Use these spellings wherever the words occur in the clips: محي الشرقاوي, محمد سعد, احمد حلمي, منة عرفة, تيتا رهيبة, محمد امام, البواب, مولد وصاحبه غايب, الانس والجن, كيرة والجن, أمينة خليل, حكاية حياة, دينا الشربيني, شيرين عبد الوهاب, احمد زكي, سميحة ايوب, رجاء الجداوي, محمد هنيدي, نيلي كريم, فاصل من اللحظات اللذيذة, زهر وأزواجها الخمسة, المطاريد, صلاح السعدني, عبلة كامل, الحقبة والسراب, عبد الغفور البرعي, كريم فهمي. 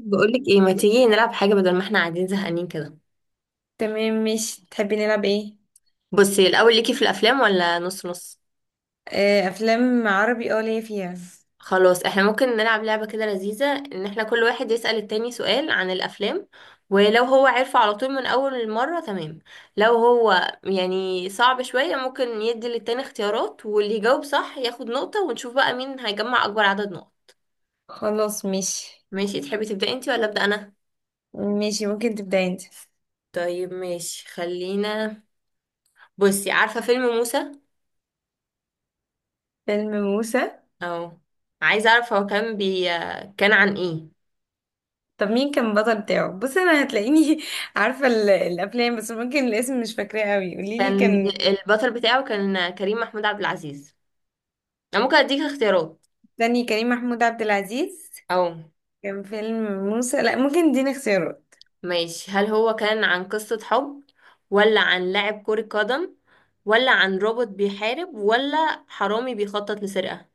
بقولك ايه، ما تيجي نلعب حاجة بدل ما احنا قاعدين زهقانين كده؟ تمام، مش تحبي نلعب ايه؟ بصي، الأول ليكي في الأفلام ولا نص نص؟ افلام عربي اه ليا فيها. خلاص، احنا ممكن نلعب لعبة كده لذيذة ان احنا كل واحد يسأل التاني سؤال عن الأفلام. ولو هو عارفه على طول من أول مرة، تمام. لو هو يعني صعب شوية ممكن يدي للتاني اختيارات، واللي يجاوب صح ياخد نقطة، ونشوف بقى مين هيجمع أكبر عدد نقط. خلاص مش ماشي، تحبي تبدأي انتي ولا أبدأ أنا؟ ماشي، ممكن تبدأ انت. طيب ماشي، خلينا. بصي، عارفة فيلم موسى؟ فيلم موسى؟ اه. عايزه اعرف، هو كان بي كان عن ايه؟ طب مين كان البطل بتاعه؟ بص انا هتلاقيني عارفة الافلام، بس ممكن الاسم مش فاكراه قوي، قوليلي كان كان. البطل بتاعه كان كريم محمود عبد العزيز. انا ممكن اديك اختيارات. تاني كريم محمود عبد العزيز اه. كان فيلم موسى؟ لا، ممكن اديني اختيارات. ماشي، هل هو كان عن قصة حب، ولا عن لاعب كرة قدم، ولا عن روبوت بيحارب، ولا حرامي بيخطط لسرقة؟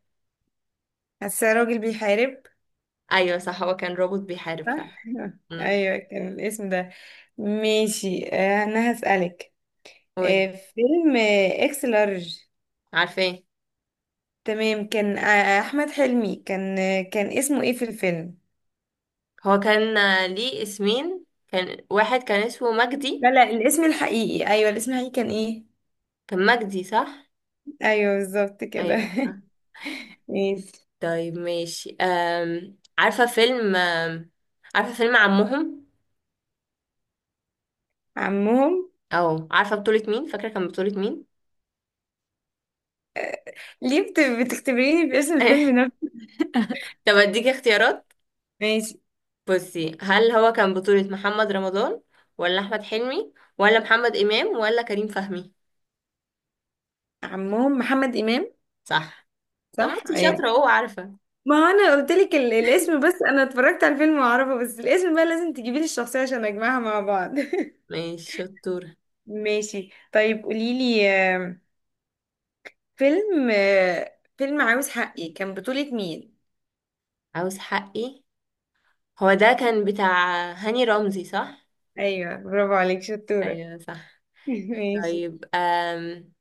حاسه راجل بيحارب. ايوه صح، هو كان روبوت بيحارب فعلا. صح امم. ايوه كان الاسم ده. ماشي، انا هسألك. آه، قولي، فيلم آه، اكس لارج. عارفاه. تمام، كان احمد حلمي. كان كان اسمه ايه في الفيلم؟ هو كان ليه اسمين، كان واحد كان اسمه لا مجدي. لا، الاسم الحقيقي. ايوه، الاسم الحقيقي كان ايه؟ كان مجدي صح. ايوه بالظبط كده ايوه صح. ماشي. طيب ماشي، عارفة فيلم عمهم؟ عمهم؟ او عارفة بطولة مين، فاكرة كان بطولة مين؟ ليه بت- بتختبريني باسم الفيلم نفسه؟ طب اديكي اختيارات. ماشي. بصي، هل هو كان بطولة محمد رمضان، ولا احمد حلمي، ولا محمد امام، ولا كريم فهمي؟ عمهم محمد امام. صح. طب ما صح انتي ايوه. شاطرة اهو، عارفة. ما هو انا قلت لك الاسم، بس انا اتفرجت على الفيلم واعرفه، بس الاسم بقى لازم تجيبي لي الشخصيه عشان اجمعها مع بعض ماشي، شطورة. ماشي طيب، قولي لي. فيلم آه، فيلم عاوز حقي كان بطولة مين؟ عاوز حقي؟ هو ده كان بتاع هاني رمزي صح؟ ايوه برافو عليك، شطورة ايوه صح. ماشي. طيب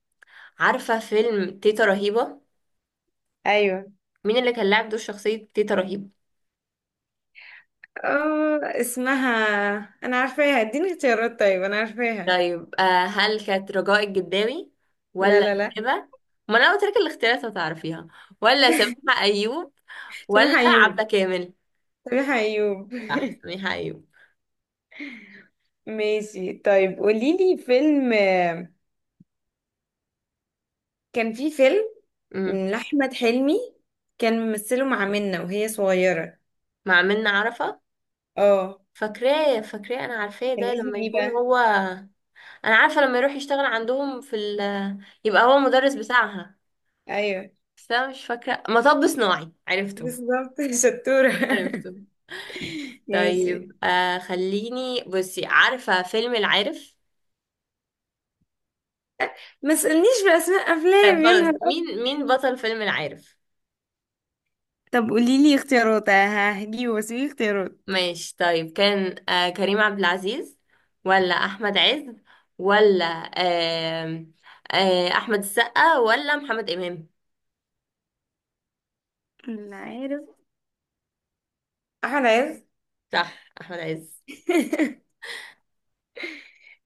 عارفة فيلم تيتا رهيبة؟ ايوه. مين اللي كان لاعب دور شخصية تيتا رهيبة؟ اه اسمها، انا عارفاها. اديني اختيارات، طيب انا عارفاها. طيب هل كانت رجاء الجداوي، لا ولا لا لا. الهبة؟ ما انا قلت لك الاختيارات هتعرفيها. ولا سميحة ايوب، ولا سامح ايوب، عبلة كامل؟ سامح ايوب. صح، سميحة ايوب. ماشي طيب، قوليلي فيلم. كان في فيلم امم. لأحمد حلمي، كان ممثله مع منة وهي صغيرة. مع منة عرفة؟ اه. فاكراه فاكراه، انا عارفاه، كان ده اسمه لما ايه يكون بقى؟ هو. انا عارفة لما يروح يشتغل عندهم يبقى هو مدرس بتاعها. ايوه بس انا مش فاكرة، مطب صناعي عرفته. بالظبط شطورة عرفته. ماشي. طيب خليني بصي، عارفة فيلم العارف؟ ما تسألنيش بأسماء طيب أفلام يا خلاص، نهار! مين بطل فيلم العارف؟ طب قولي لي اختيارات، ههجيبه بس في اختيارات. ماشي طيب، كان كريم عبد العزيز، ولا احمد عز، ولا آه احمد السقا ولا محمد امام؟ لا، عارف. احمد عز. صح، احمد عز.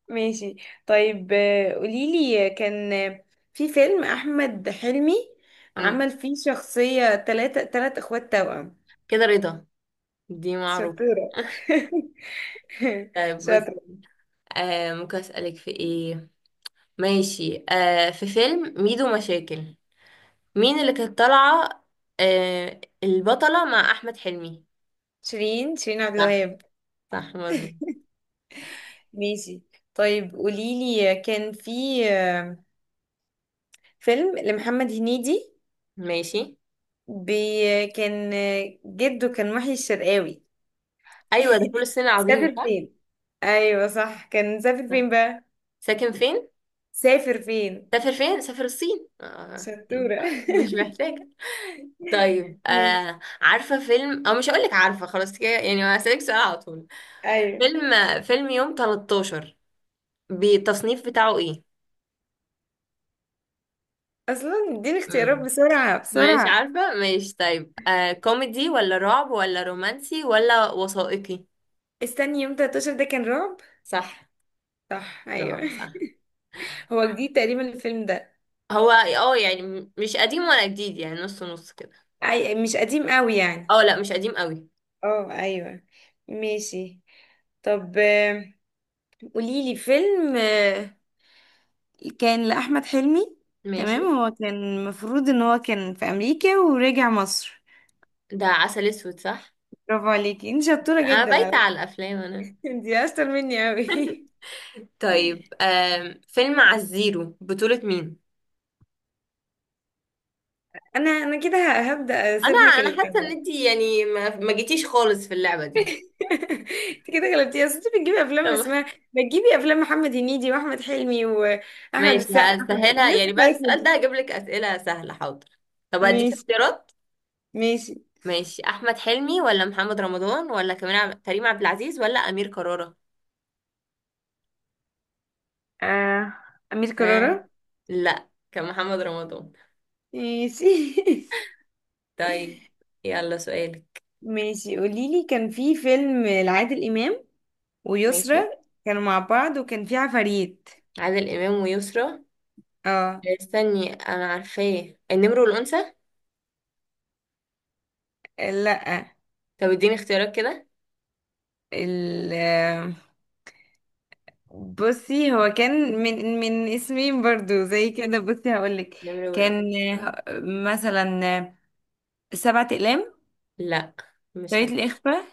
ماشي. طيب قوليلي، كان في فيلم احمد حلمي امم عمل فيه شخصية تلات اخوات توأم. كده رضا، دي معروفه. شطورة طيب بس شاطرة. ممكن اسالك في ايه؟ ماشي، في فيلم ميدو مشاكل، مين اللي كانت طالعه، البطله مع احمد حلمي؟ شيرين عبد صح. الوهاب. صح مظبوط. ماشي. طيب قوليلي، آه، كان في آه، فيلم لمحمد هنيدي. ماشي. بي- كان آه، جده كان محي الشرقاوي. ايوه ده فول الصين العظيم سافر صح؟ فين؟ ايوه صح، كان سافر صح. فين بقى؟ ساكن فين؟ سافر فين. سافر فين؟ سافر الصين آه. شطورة آه، مش محتاجة. طيب ماشي. عارفة فيلم، أو مش هقولك عارفة، خلاص كده يعني هسألك سؤال على طول. ايوه. فيلم فيلم يوم 13 بالتصنيف بتاعه ايه؟ اصلا اديني اختيارات مم. بسرعة مش بسرعة. عارفة، مش. طيب، آه كوميدي ولا رعب ولا رومانسي ولا وثائقي؟ استني، يوم 13 ده كان رعب. صح. صح ايوه رعب صح. هو جديد تقريبا الفيلم ده. هو يعني مش قديم ولا جديد، يعني نص نص كده. مش قديم قوي يعني. اه لا، مش قديم قوي. اه ايوه. ماشي. طب قوليلي فيلم كان لأحمد حلمي. ماشي. تمام، هو كان المفروض ان هو كان في امريكا ورجع مصر. ده عسل اسود صح؟ برافو عليكي انت، شطورة انا جدا بايتة على على الافلام فكرة انا. انت اشطر مني قوي طيب فيلم على الزيرو بطولة مين؟ انا كده هبدأ اسيب انا لك انا حاسه ان اللعبة. انتي يعني ما جيتيش خالص في اللعبه دي. انت كده غلبتي، اصل انت بتجيبي افلام طب اسمها، بتجيبي افلام محمد هنيدي واحمد حلمي واحمد ماشي، السقا، احمد هسهلها الناس يعني بعد بتاعتنا السؤال دي. ده هجيب لك اسئله سهله، حاضر. طب هديك ماشي اختيارات. ماشي. ماشي، احمد حلمي ولا محمد رمضان ولا كريم عبد العزيز ولا امير كرارة؟ آه. امير آه. كرارة. لا، كان محمد رمضان. ماشي طيب. يلا سؤالك. ماشي، قولي لي. كان في فيلم لعادل امام ويسرا، ماشي، كانوا مع بعض وكان في عفاريت. عادل امام ويسرى. اه. استني، انا عارفاه، النمر والانثى؟ لا. طب اديني اختيارات كده. ال، بصي هو كان من اسمين برضو زي كده، بصي هقولك. النمر كان والانثى. مثلا سبعة أقلام، لا. مش حتى. طريقة الإخفاء،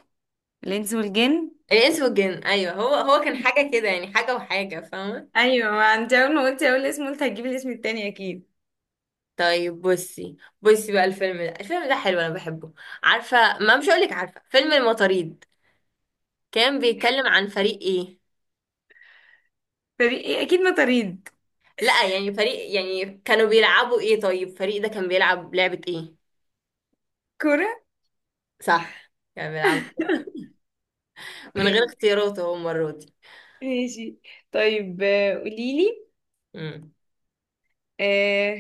الإنس والجن. الانس والجن، ايوه، هو كان حاجه كده يعني حاجه وحاجه، فاهمه. أيوة، ما أنت أول ما قلتي أول اسم قلت هتجيبي الاسم التاني أكيد. طيب بصي بقى، الفيلم ده حلو انا بحبه. عارفه، ما مش هقولك عارفه، فيلم المطاريد؟ كان بيتكلم عن فريق ايه؟ فريق إيه؟ أكيد ما طريد. لا يعني فريق، يعني كانوا بيلعبوا ايه، طيب فريق ده كان بيلعب لعبه ايه؟ كورة. صح، كان بيلعب. من غير اختيارات اهو المره دي. ماشي. طيب آه، قوليلي امم. آه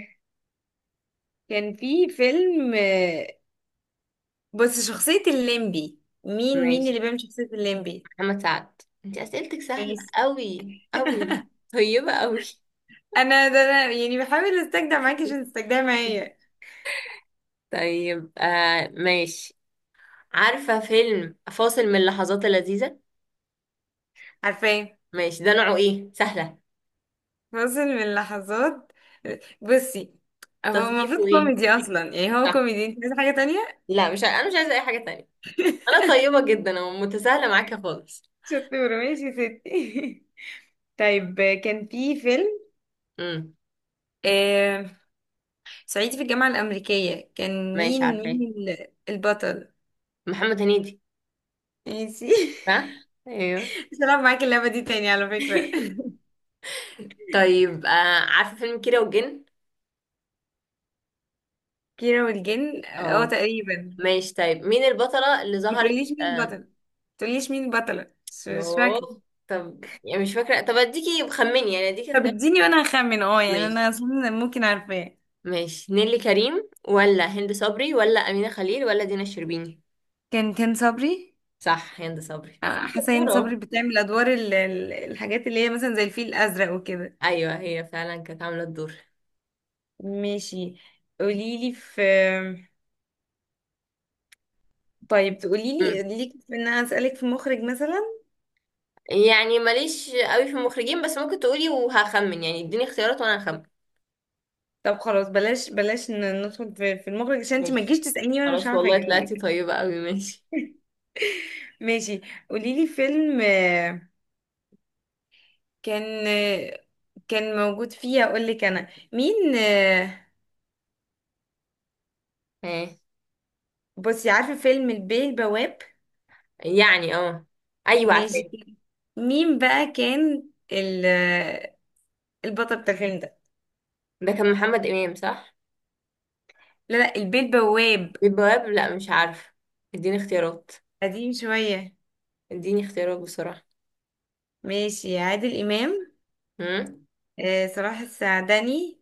كان في فيلم، بص شخصية الليمبي، مين ماشي. اللي بيعمل شخصية الليمبي؟ محمد سعد، انت اسئلتك سهله ماشي قوي قوي. طيبه قوي. انا ده انا يعني بحاول استجدع معاكي عشان تستجدعي معايا. طيب ماشي، عارفة فيلم فاصل من اللحظات اللذيذة؟ عارفاه. ماشي، ده نوعه ايه، سهلة. فاصل من اللحظات. بصي، هو المفروض تصنيفه ايه؟ كوميدي اصلا، يعني هو صح. كوميدي، انت عايزه حاجه تانية؟ لا، مش ع- انا مش عايزة اي حاجة تانية. انا طيبة جدا ومتساهلة معاكي خالص. شطوره، ماشي يا ستي طيب كان في فيلم، امم. آه صعيدي في الجامعه الامريكيه، كان ماشي، مين عارفة مين ايه؟ البطل؟ محمد هنيدي. ماشي صح. ايوه. مش هلعب معاكي اللعبه دي تاني على فكره. طيب عارفة فيلم كيرة والجن؟ كيرة والجن، اه اه. تقريبا. ماشي طيب، مين البطلة اللي ما ظهرت تقوليش مين آه البطل، ما تقوليش مين البطله، مش فاكره. يوه. طب يعني مش فاكرة، طب اديكي خمني، يعني اديكي طب اختيار. اديني وانا هخمن، اه يعني ماشي. انا اصلا ممكن عارفاه. ماشي، نيلي كريم ولا هند صبري ولا أمينة خليل ولا دينا الشربيني؟ كان صبري. صح، هند صبري. حسين برافو. صبري بتعمل ادوار الحاجات اللي هي مثلا زي الفيل الازرق وكده. ايوه، هي فعلا كانت عامله الدور. ماشي، قوليلي في. طيب مم. تقوليلي ليك في ان انا اسالك في مخرج مثلا. يعني ماليش قوي في المخرجين، بس ممكن تقولي وهخمن، يعني اديني اختيارات وانا هخمن. طب خلاص، بلاش بلاش ندخل في في المخرج، عشان انت ما ماشي. تجيش تساليني وانا مش خلاص عارفه والله، طلعتي اجاوبك. طيبة قوي، ماشي. ماشي، قوليلي فيلم، كان آه، كان موجود فيه، اقول لك انا مين، ايه؟ بصي عارفه فيلم البيه البواب؟ يعني اه. ايوه، ماشي. عارفاه. مين بقى كان ال البطل بتاع الفيلم ده؟ ده كان محمد امام صح؟ لا لا، البيه بواب. البواب، لا مش عارفه. اديني اختيارات. قديم شوية. اديني اختيارات بسرعه. ماشي. عادل إمام، امم. صلاح السعدني،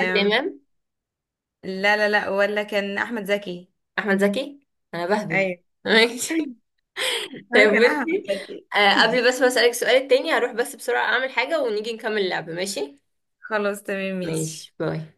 عادل امام. لا لا لا، ولا كان أحمد زكي. احمد زكي. انا بهبد. أيوة. ماشي. طيب هو كان أحمد بصي. زكي. قبل بس ما اسالك السؤال التاني، هروح بس بسرعه اعمل حاجه ونيجي نكمل اللعبه، ماشي؟ خلاص تمام، ماشي. ماشي باي.